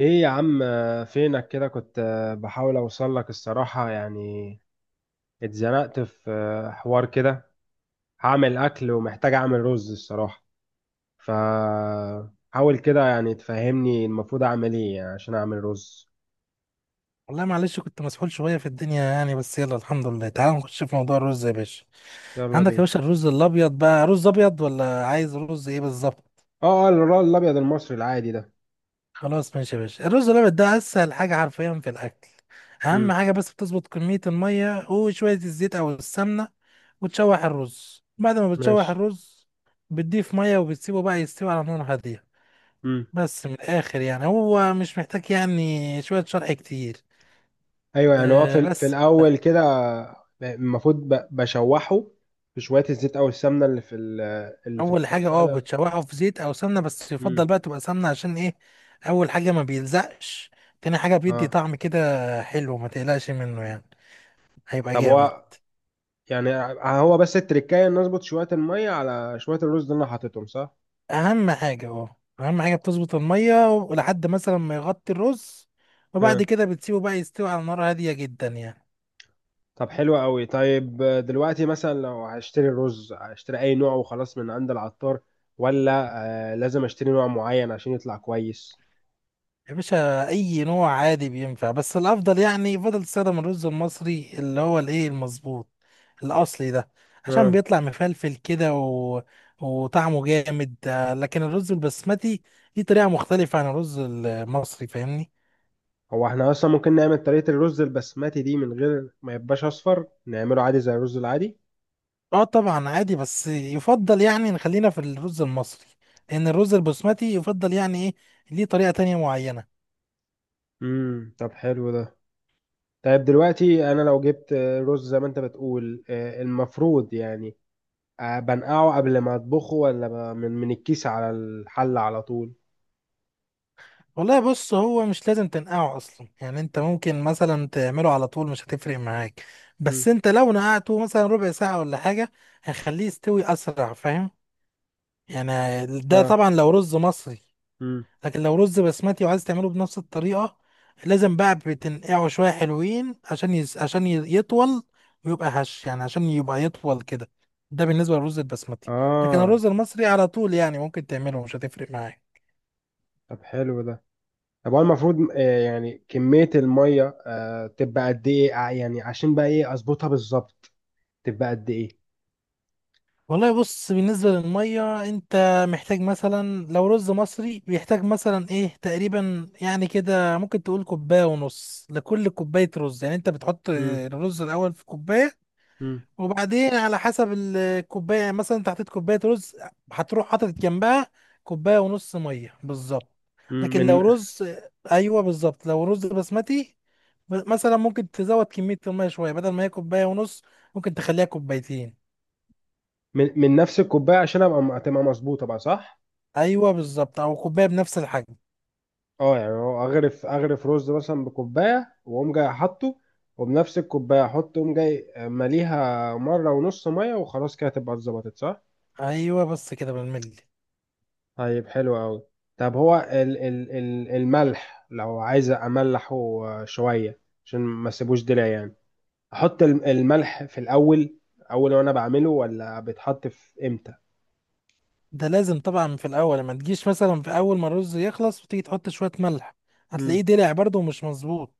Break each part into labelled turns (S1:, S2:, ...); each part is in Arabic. S1: ايه يا عم، فينك كده؟ كنت بحاول اوصل لك الصراحة. يعني اتزنقت في حوار كده. هعمل اكل ومحتاج اعمل رز الصراحة. ف حاول كده، يعني تفهمني المفروض اعمل ايه يعني عشان اعمل رز.
S2: والله معلش كنت مسحول شوية في الدنيا يعني، بس يلا الحمد لله. تعال نخش في موضوع الرز يا باشا.
S1: يلا
S2: عندك يا
S1: بينا.
S2: باشا الرز الأبيض، بقى رز أبيض ولا عايز رز إيه بالظبط؟
S1: اه، اه، الرز الابيض المصري العادي ده.
S2: خلاص ماشي يا باشا، الرز الأبيض ده أسهل حاجة حرفيا في الأكل. أهم
S1: امم.
S2: حاجة بس بتظبط كمية المية وشوية الزيت أو السمنة، وتشوح الرز. بعد ما بتشوح
S1: ماشي.
S2: الرز بتضيف مية وبتسيبه بقى يستوي على نار هادية.
S1: امم.
S2: بس من الآخر يعني هو مش محتاج يعني شوية شرح كتير.
S1: ايوه، يعني هو
S2: أه
S1: في
S2: بس.
S1: الاول كده المفروض بشوحه في شوية الزيت او السمنة اللي في اللي في
S2: اول حاجه،
S1: الطاسة ده.
S2: بتشوحه في زيت او سمنه، بس
S1: امم.
S2: يفضل بقى تبقى سمنه. عشان ايه؟ اول حاجه ما بيلزقش. تاني حاجه بيدي
S1: اه.
S2: طعم كده حلو، ما تقلقش منه يعني، هيبقى
S1: طب
S2: جامد.
S1: هو، يعني هو بس التركاية ان اظبط شوية المية على شوية الرز اللي انا حاططهم، صح؟
S2: اهم حاجه بتظبط الميه لحد مثلا ما يغطي الرز، وبعد
S1: ها.
S2: كده بتسيبه بقى يستوي على نار هاديه جدا يعني.
S1: طب حلو قوي. طيب دلوقتي مثلا لو هشتري الرز، هشتري اي نوع وخلاص من عند العطار، ولا لازم اشتري نوع معين عشان يطلع كويس؟
S2: يا باشا اي نوع عادي بينفع، بس الافضل يعني يفضل تستخدم الرز المصري، اللي هو الايه، المظبوط الاصلي ده، عشان
S1: ها.
S2: بيطلع مفلفل كده وطعمه جامد. لكن الرز البسمتي ليه طريقة مختلفة عن الرز المصري، فاهمني؟
S1: هو احنا اصلا ممكن نعمل طريقة الرز البسمتي دي من غير ما يبقاش اصفر، نعمله عادي زي الرز العادي؟
S2: اه طبعا عادي، بس يفضل يعني نخلينا في الرز المصري، لان الرز البسمتي يفضل يعني ايه، ليه طريقة تانية معينة.
S1: امم. طب حلو ده. طيب دلوقتي انا لو جبت رز زي ما انت بتقول، المفروض يعني بنقعه قبل ما اطبخه، ولا من الكيس على الحلة على طول؟
S2: والله بص، هو مش لازم تنقعه اصلا، يعني انت ممكن مثلا تعمله على طول مش هتفرق معاك. بس
S1: مم.
S2: انت لو نقعته مثلا ربع ساعة ولا حاجة هيخليه يستوي اسرع، فاهم يعني. ده
S1: اه.
S2: طبعا لو رز مصري.
S1: مم.
S2: لكن لو رز بسمتي وعايز تعمله بنفس الطريقة، لازم بقى بتنقعه شوية حلوين عشان يطول ويبقى هش يعني، عشان يبقى يطول كده. ده بالنسبة للرز البسمتي. لكن
S1: اه.
S2: الرز المصري على طول يعني ممكن تعمله مش هتفرق معاك.
S1: طب حلو ده. طب هو المفروض يعني كمية المية تبقى قد ايه يعني عشان بقى ايه اظبطها بالظبط؟ تبقى قد ايه؟
S2: والله بص، بالنسبة للمية انت محتاج مثلا، لو رز مصري بيحتاج مثلا ايه تقريبا يعني كده، ممكن تقول كوباية ونص لكل كوباية رز. يعني انت بتحط
S1: مم.
S2: الرز الأول في كوباية،
S1: مم.
S2: وبعدين على حسب الكوباية. يعني مثلا انت حطيت كوباية رز، هتروح حاطط جنبها كوباية ونص مية بالظبط.
S1: مم.
S2: لكن
S1: من
S2: لو رز، ايوه بالظبط، لو رز بسمتي مثلا ممكن تزود كمية المية شوية، بدل ما هي كوباية ونص ممكن تخليها كوبايتين.
S1: من من نفس الكوباية عشان ابقى تبقى مظبوطة بقى، صح؟
S2: ايوه بالظبط، او كوبايه بنفس الحجم.
S1: اه، يعني هو اغرف اغرف رز مثلا بكوبايه، واقوم جاي احطه، وبنفس الكوبايه احط، اقوم جاي مليها مره ونص ميه وخلاص، كده تبقى اتظبطت، صح؟
S2: ايوه بس كده بالملي.
S1: طيب حلو قوي. طب هو ال ال ال الملح لو عايز املحه شويه عشان ما اسيبوش دلع يعني، احط الملح في الاول، اول وانا بعمله، ولا بيتحط في امتى؟
S2: ده لازم طبعا في الاول، ما تجيش مثلا في اول ما الرز يخلص وتيجي تحط شويه ملح، هتلاقيه
S1: امم.
S2: دلع برضه ومش مظبوط.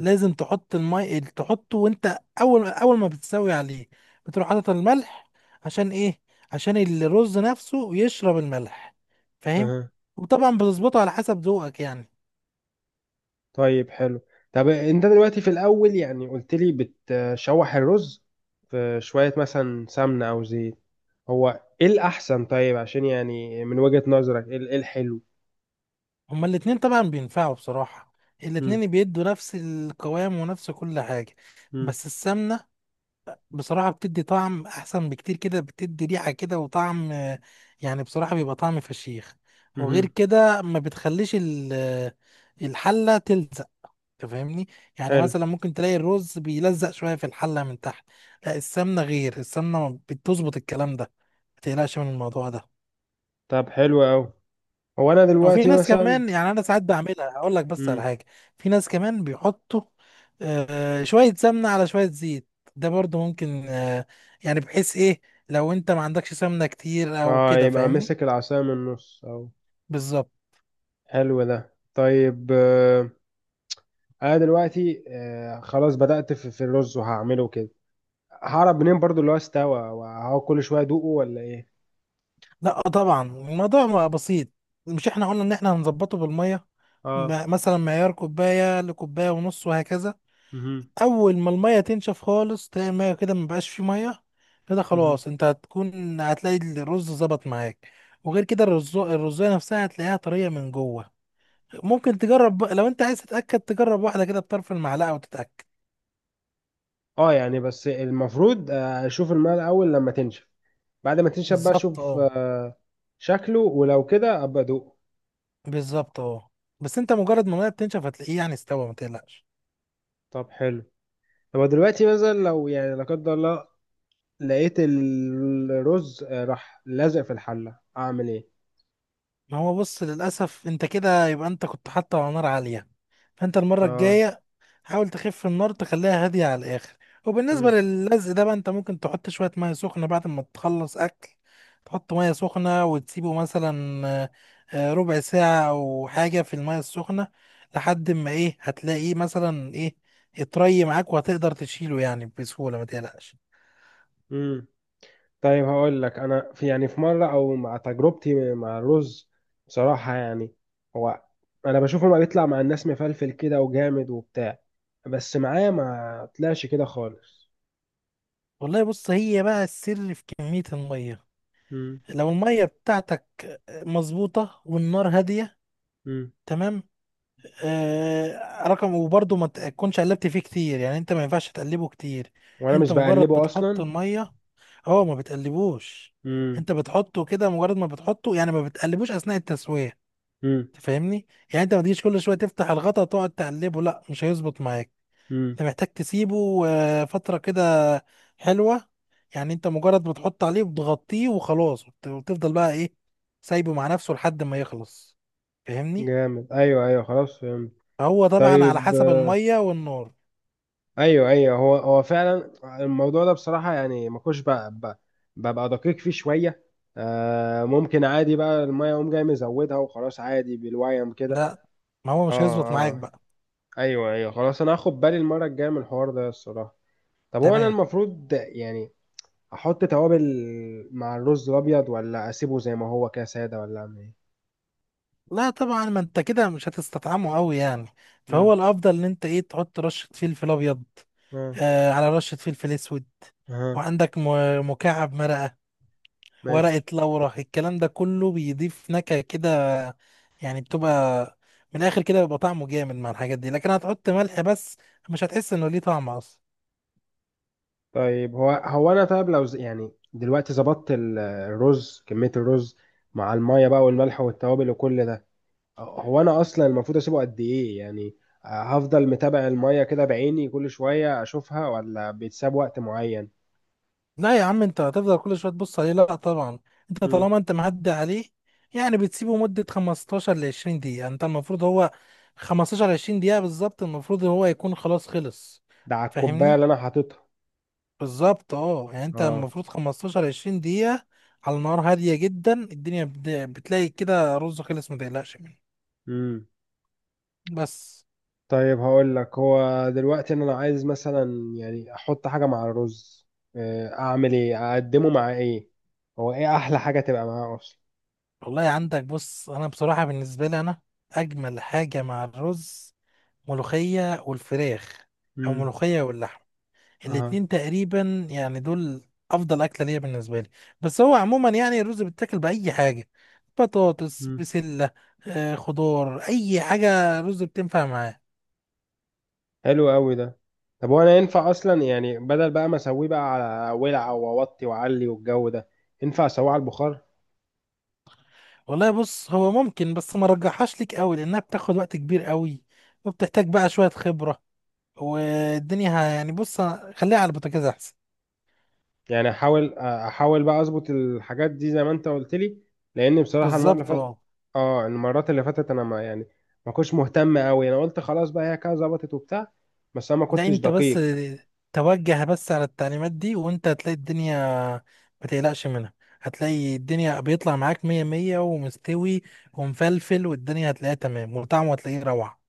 S2: لازم تحط المي تحطه وانت اول ما بتسوي عليه، بتروح حاطط الملح. عشان ايه؟ عشان الرز نفسه يشرب الملح، فاهم؟
S1: امم.
S2: وطبعا بتظبطه على حسب ذوقك يعني.
S1: طيب حلو. طب انت دلوقتي في الاول يعني قلت لي بتشوح الرز في شوية مثلا سمنة او زيت، هو ايه الاحسن طيب، عشان يعني من وجهة نظرك ايه ايه الحلو؟
S2: هما الاتنين طبعا بينفعوا بصراحة،
S1: مم.
S2: الاتنين بيدوا نفس القوام ونفس كل حاجة.
S1: مم.
S2: بس السمنة بصراحة بتدي طعم أحسن بكتير كده، بتدي ريحة كده وطعم، يعني بصراحة بيبقى طعم فشيخ. وغير
S1: مم.
S2: كده ما بتخليش الحلة تلزق، تفهمني؟ يعني
S1: حلو.
S2: مثلا ممكن تلاقي الرز بيلزق شوية في الحلة من تحت. لا السمنة، غير السمنة بتظبط الكلام ده، ما تقلقش من الموضوع ده.
S1: طب حلو اوي. هو انا
S2: وفي
S1: دلوقتي
S2: ناس
S1: مثلا.
S2: كمان يعني انا ساعات بعملها، هقول لك بس على
S1: مم.
S2: حاجه. في ناس كمان بيحطوا، شويه سمنه على شويه زيت، ده برضو ممكن. يعني بحيث ايه، لو انت ما عندكش سمنه كتير او
S1: اه،
S2: كده،
S1: يبقى
S2: فاهمني؟
S1: مسك العصاية من النص او.
S2: بالظبط.
S1: حلو ده. طيب انا دلوقتي خلاص بدأت في الرز وهعمله كده. هعرف منين برضو اللي هو استوى؟ وهو كل شوية ادوقه، ولا ايه؟
S2: لا طبعا الموضوع ما بسيط. مش احنا قلنا ان احنا هنظبطه بالميه،
S1: اه.
S2: مثلا معيار كوبايه لكوبايه ونص وهكذا.
S1: مهم.
S2: اول ما الميه تنشف خالص، تلاقي الميه كده مبقاش فيه ميه، كده
S1: مهم.
S2: خلاص انت هتكون هتلاقي الرز ظبط معاك. وغير كده الرز الرزايه نفسها هتلاقيها طريه من جوه. ممكن لو انت عايز تتاكد تجرب واحده كده بطرف المعلقه وتتاكد.
S1: اه، يعني بس المفروض اشوف الماء الاول لما تنشف، بعد ما تنشف بقى
S2: بالظبط
S1: اشوف
S2: اه.
S1: شكله، ولو كده ابقى ادوقه.
S2: بالظبط اه. بس انت مجرد ما الميه بتنشف هتلاقيه يعني استوى، ما تقلقش.
S1: طب حلو. طب دلوقتي مثلا لو يعني لا قدر الله لقيت الرز راح لازق في الحلة، اعمل ايه؟
S2: ما هو بص، للاسف انت كده يبقى انت كنت حاطه على نار عاليه. فانت المره
S1: اه.
S2: الجايه حاول تخف النار، تخليها هادية على الآخر. وبالنسبة
S1: مم.
S2: للزق ده بقى، أنت ممكن تحط شوية مية سخنة بعد ما تخلص أكل، تحط مية سخنة وتسيبه مثلا آه، ربع ساعة أو حاجة في المية السخنة، لحد ما إيه، هتلاقيه مثلا إيه، اتري معاك وهتقدر تشيله يعني بسهولة، ما تقلقش.
S1: مم. طيب هقول لك انا في، يعني في مره او مع تجربتي مع الرز بصراحه يعني، هو انا بشوفه ما بيطلع مع الناس مفلفل كده وجامد وبتاع، بس معايا ما طلعش كده خالص.
S2: والله بص، هي بقى السر في كمية المية.
S1: مم.
S2: لو المية بتاعتك مظبوطة والنار هادية
S1: مم.
S2: تمام، رقم، وبرضه ما تكونش قلبت فيه كتير. يعني انت ما ينفعش تقلبه كتير.
S1: وانا
S2: انت
S1: مش
S2: مجرد
S1: بقلبه
S2: بتحط
S1: اصلا.
S2: الميه، هو ما بتقلبوش.
S1: مم.
S2: انت بتحطه كده مجرد ما بتحطه، يعني ما بتقلبوش اثناء التسويه،
S1: مم.
S2: تفهمني؟ يعني انت ما تجيش كل شويه تفتح الغطا تقعد تقلبه، لا مش هيظبط معاك.
S1: مم.
S2: انت محتاج تسيبه فتره كده حلوه. يعني انت مجرد بتحط عليه وتغطيه وخلاص، وتفضل بقى ايه، سايبه مع نفسه لحد ما يخلص، فاهمني؟
S1: جامد. ايوه، ايوه، خلاص فهمت.
S2: فهو طبعا على
S1: طيب.
S2: حسب الميه والنار.
S1: ايوه، ايوه، هو فعلا الموضوع ده بصراحه يعني ما كنتش بقى- ببقى دقيق فيه شويه. آه، ممكن عادي بقى الميه اقوم جاي مزودها وخلاص عادي بالويم كده.
S2: لا ما هو
S1: اه.
S2: مش هيظبط معاك
S1: اه.
S2: بقى.
S1: ايوه، ايوه، خلاص انا هاخد بالي المره الجايه من الحوار ده الصراحه. طب هو انا
S2: تمام.
S1: المفروض يعني احط توابل مع الرز الابيض، ولا اسيبه زي ما هو كده ساده، ولا اعمل ايه؟
S2: لا طبعا ما انت كده مش هتستطعمه قوي يعني.
S1: امم.
S2: فهو الافضل ان انت ايه، تحط رشه فلفل ابيض
S1: اه.
S2: آه على رشه فلفل اسود،
S1: اه.
S2: وعندك مكعب مرقه، ورقه
S1: ماشي.
S2: لورا. الكلام ده كله بيضيف نكهه كده، يعني بتبقى من الاخر كده بيبقى طعمه جامد مع الحاجات دي. لكن هتحط ملح بس، مش هتحس انه ليه طعم اصلا.
S1: طيب هو انا طيب لو يعني دلوقتي ظبطت الرز، كمية الرز مع المية بقى والملح والتوابل وكل ده، هو انا اصلا المفروض اسيبه قد ايه يعني؟ هفضل متابع المية كده بعيني كل شوية اشوفها، ولا بيتساب وقت معين؟
S2: لا يا عم انت هتفضل كل شويه تبص عليه؟ لا طبعا. انت
S1: مم.
S2: طالما انت معدي عليه، يعني بتسيبه مده 15 ل 20 دقيقه. يعني انت المفروض هو 15 20 دقيقه بالظبط، المفروض هو يكون خلاص خلص،
S1: ده على الكوباية
S2: فاهمني؟
S1: اللي انا حاططها.
S2: بالظبط اه، يعني انت
S1: اه.
S2: المفروض 15 20 دقيقه على نار هاديه جدا. الدنيا بتلاقي كده رز خلص، ما تقلقش منه.
S1: امم.
S2: بس.
S1: طيب هقول لك، هو دلوقتي إن انا عايز مثلا يعني احط حاجة مع الرز، اعمل ايه؟ اقدمه مع ايه؟ هو ايه احلى حاجة تبقى معاه اصلا؟
S2: والله عندك بص، انا بصراحه بالنسبه لي انا، اجمل حاجه مع الرز ملوخيه والفراخ، او
S1: امم.
S2: ملوخيه واللحمه.
S1: اها.
S2: الاتنين تقريبا يعني دول افضل اكله ليا بالنسبه لي. بس هو عموما يعني الرز بيتاكل باي حاجه، بطاطس، بسله، خضار، اي حاجه رز بتنفع معاه.
S1: حلو قوي ده. طب وانا ينفع اصلا يعني بدل بقى ما اسويه بقى على ولع واوطي واعلي والجو ده، ينفع اسويه على البخار؟
S2: والله بص، هو ممكن بس ما رجحهاش ليك قوي، لانها بتاخد وقت كبير قوي، وبتحتاج بقى شويه خبره. والدنيا يعني بص، خليها على البوتاجاز احسن.
S1: يعني احاول بقى اظبط الحاجات دي زي ما انت قلت لي، لان بصراحه المره اللي
S2: بالظبط
S1: فاتت،
S2: اه.
S1: اه، المرات اللي فاتت انا ما يعني، ما كنتش مهتم قوي، انا قلت خلاص بقى هي كده ظبطت وبتاع، بس انا ما
S2: ده
S1: كنتش
S2: انت بس
S1: دقيق.
S2: توجه بس على التعليمات دي، وانت هتلاقي الدنيا ما تقلقش منها. هتلاقي الدنيا بيطلع معاك مية مية ومستوي ومفلفل، والدنيا هتلاقيها تمام، وطعمه هتلاقيه روعة.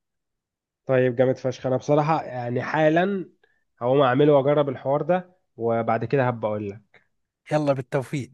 S1: طيب جامد فشخ. انا بصراحه يعني حالا هقوم اعمله واجرب الحوار ده، وبعد كده هبقى اقول لك.
S2: يلا بالتوفيق.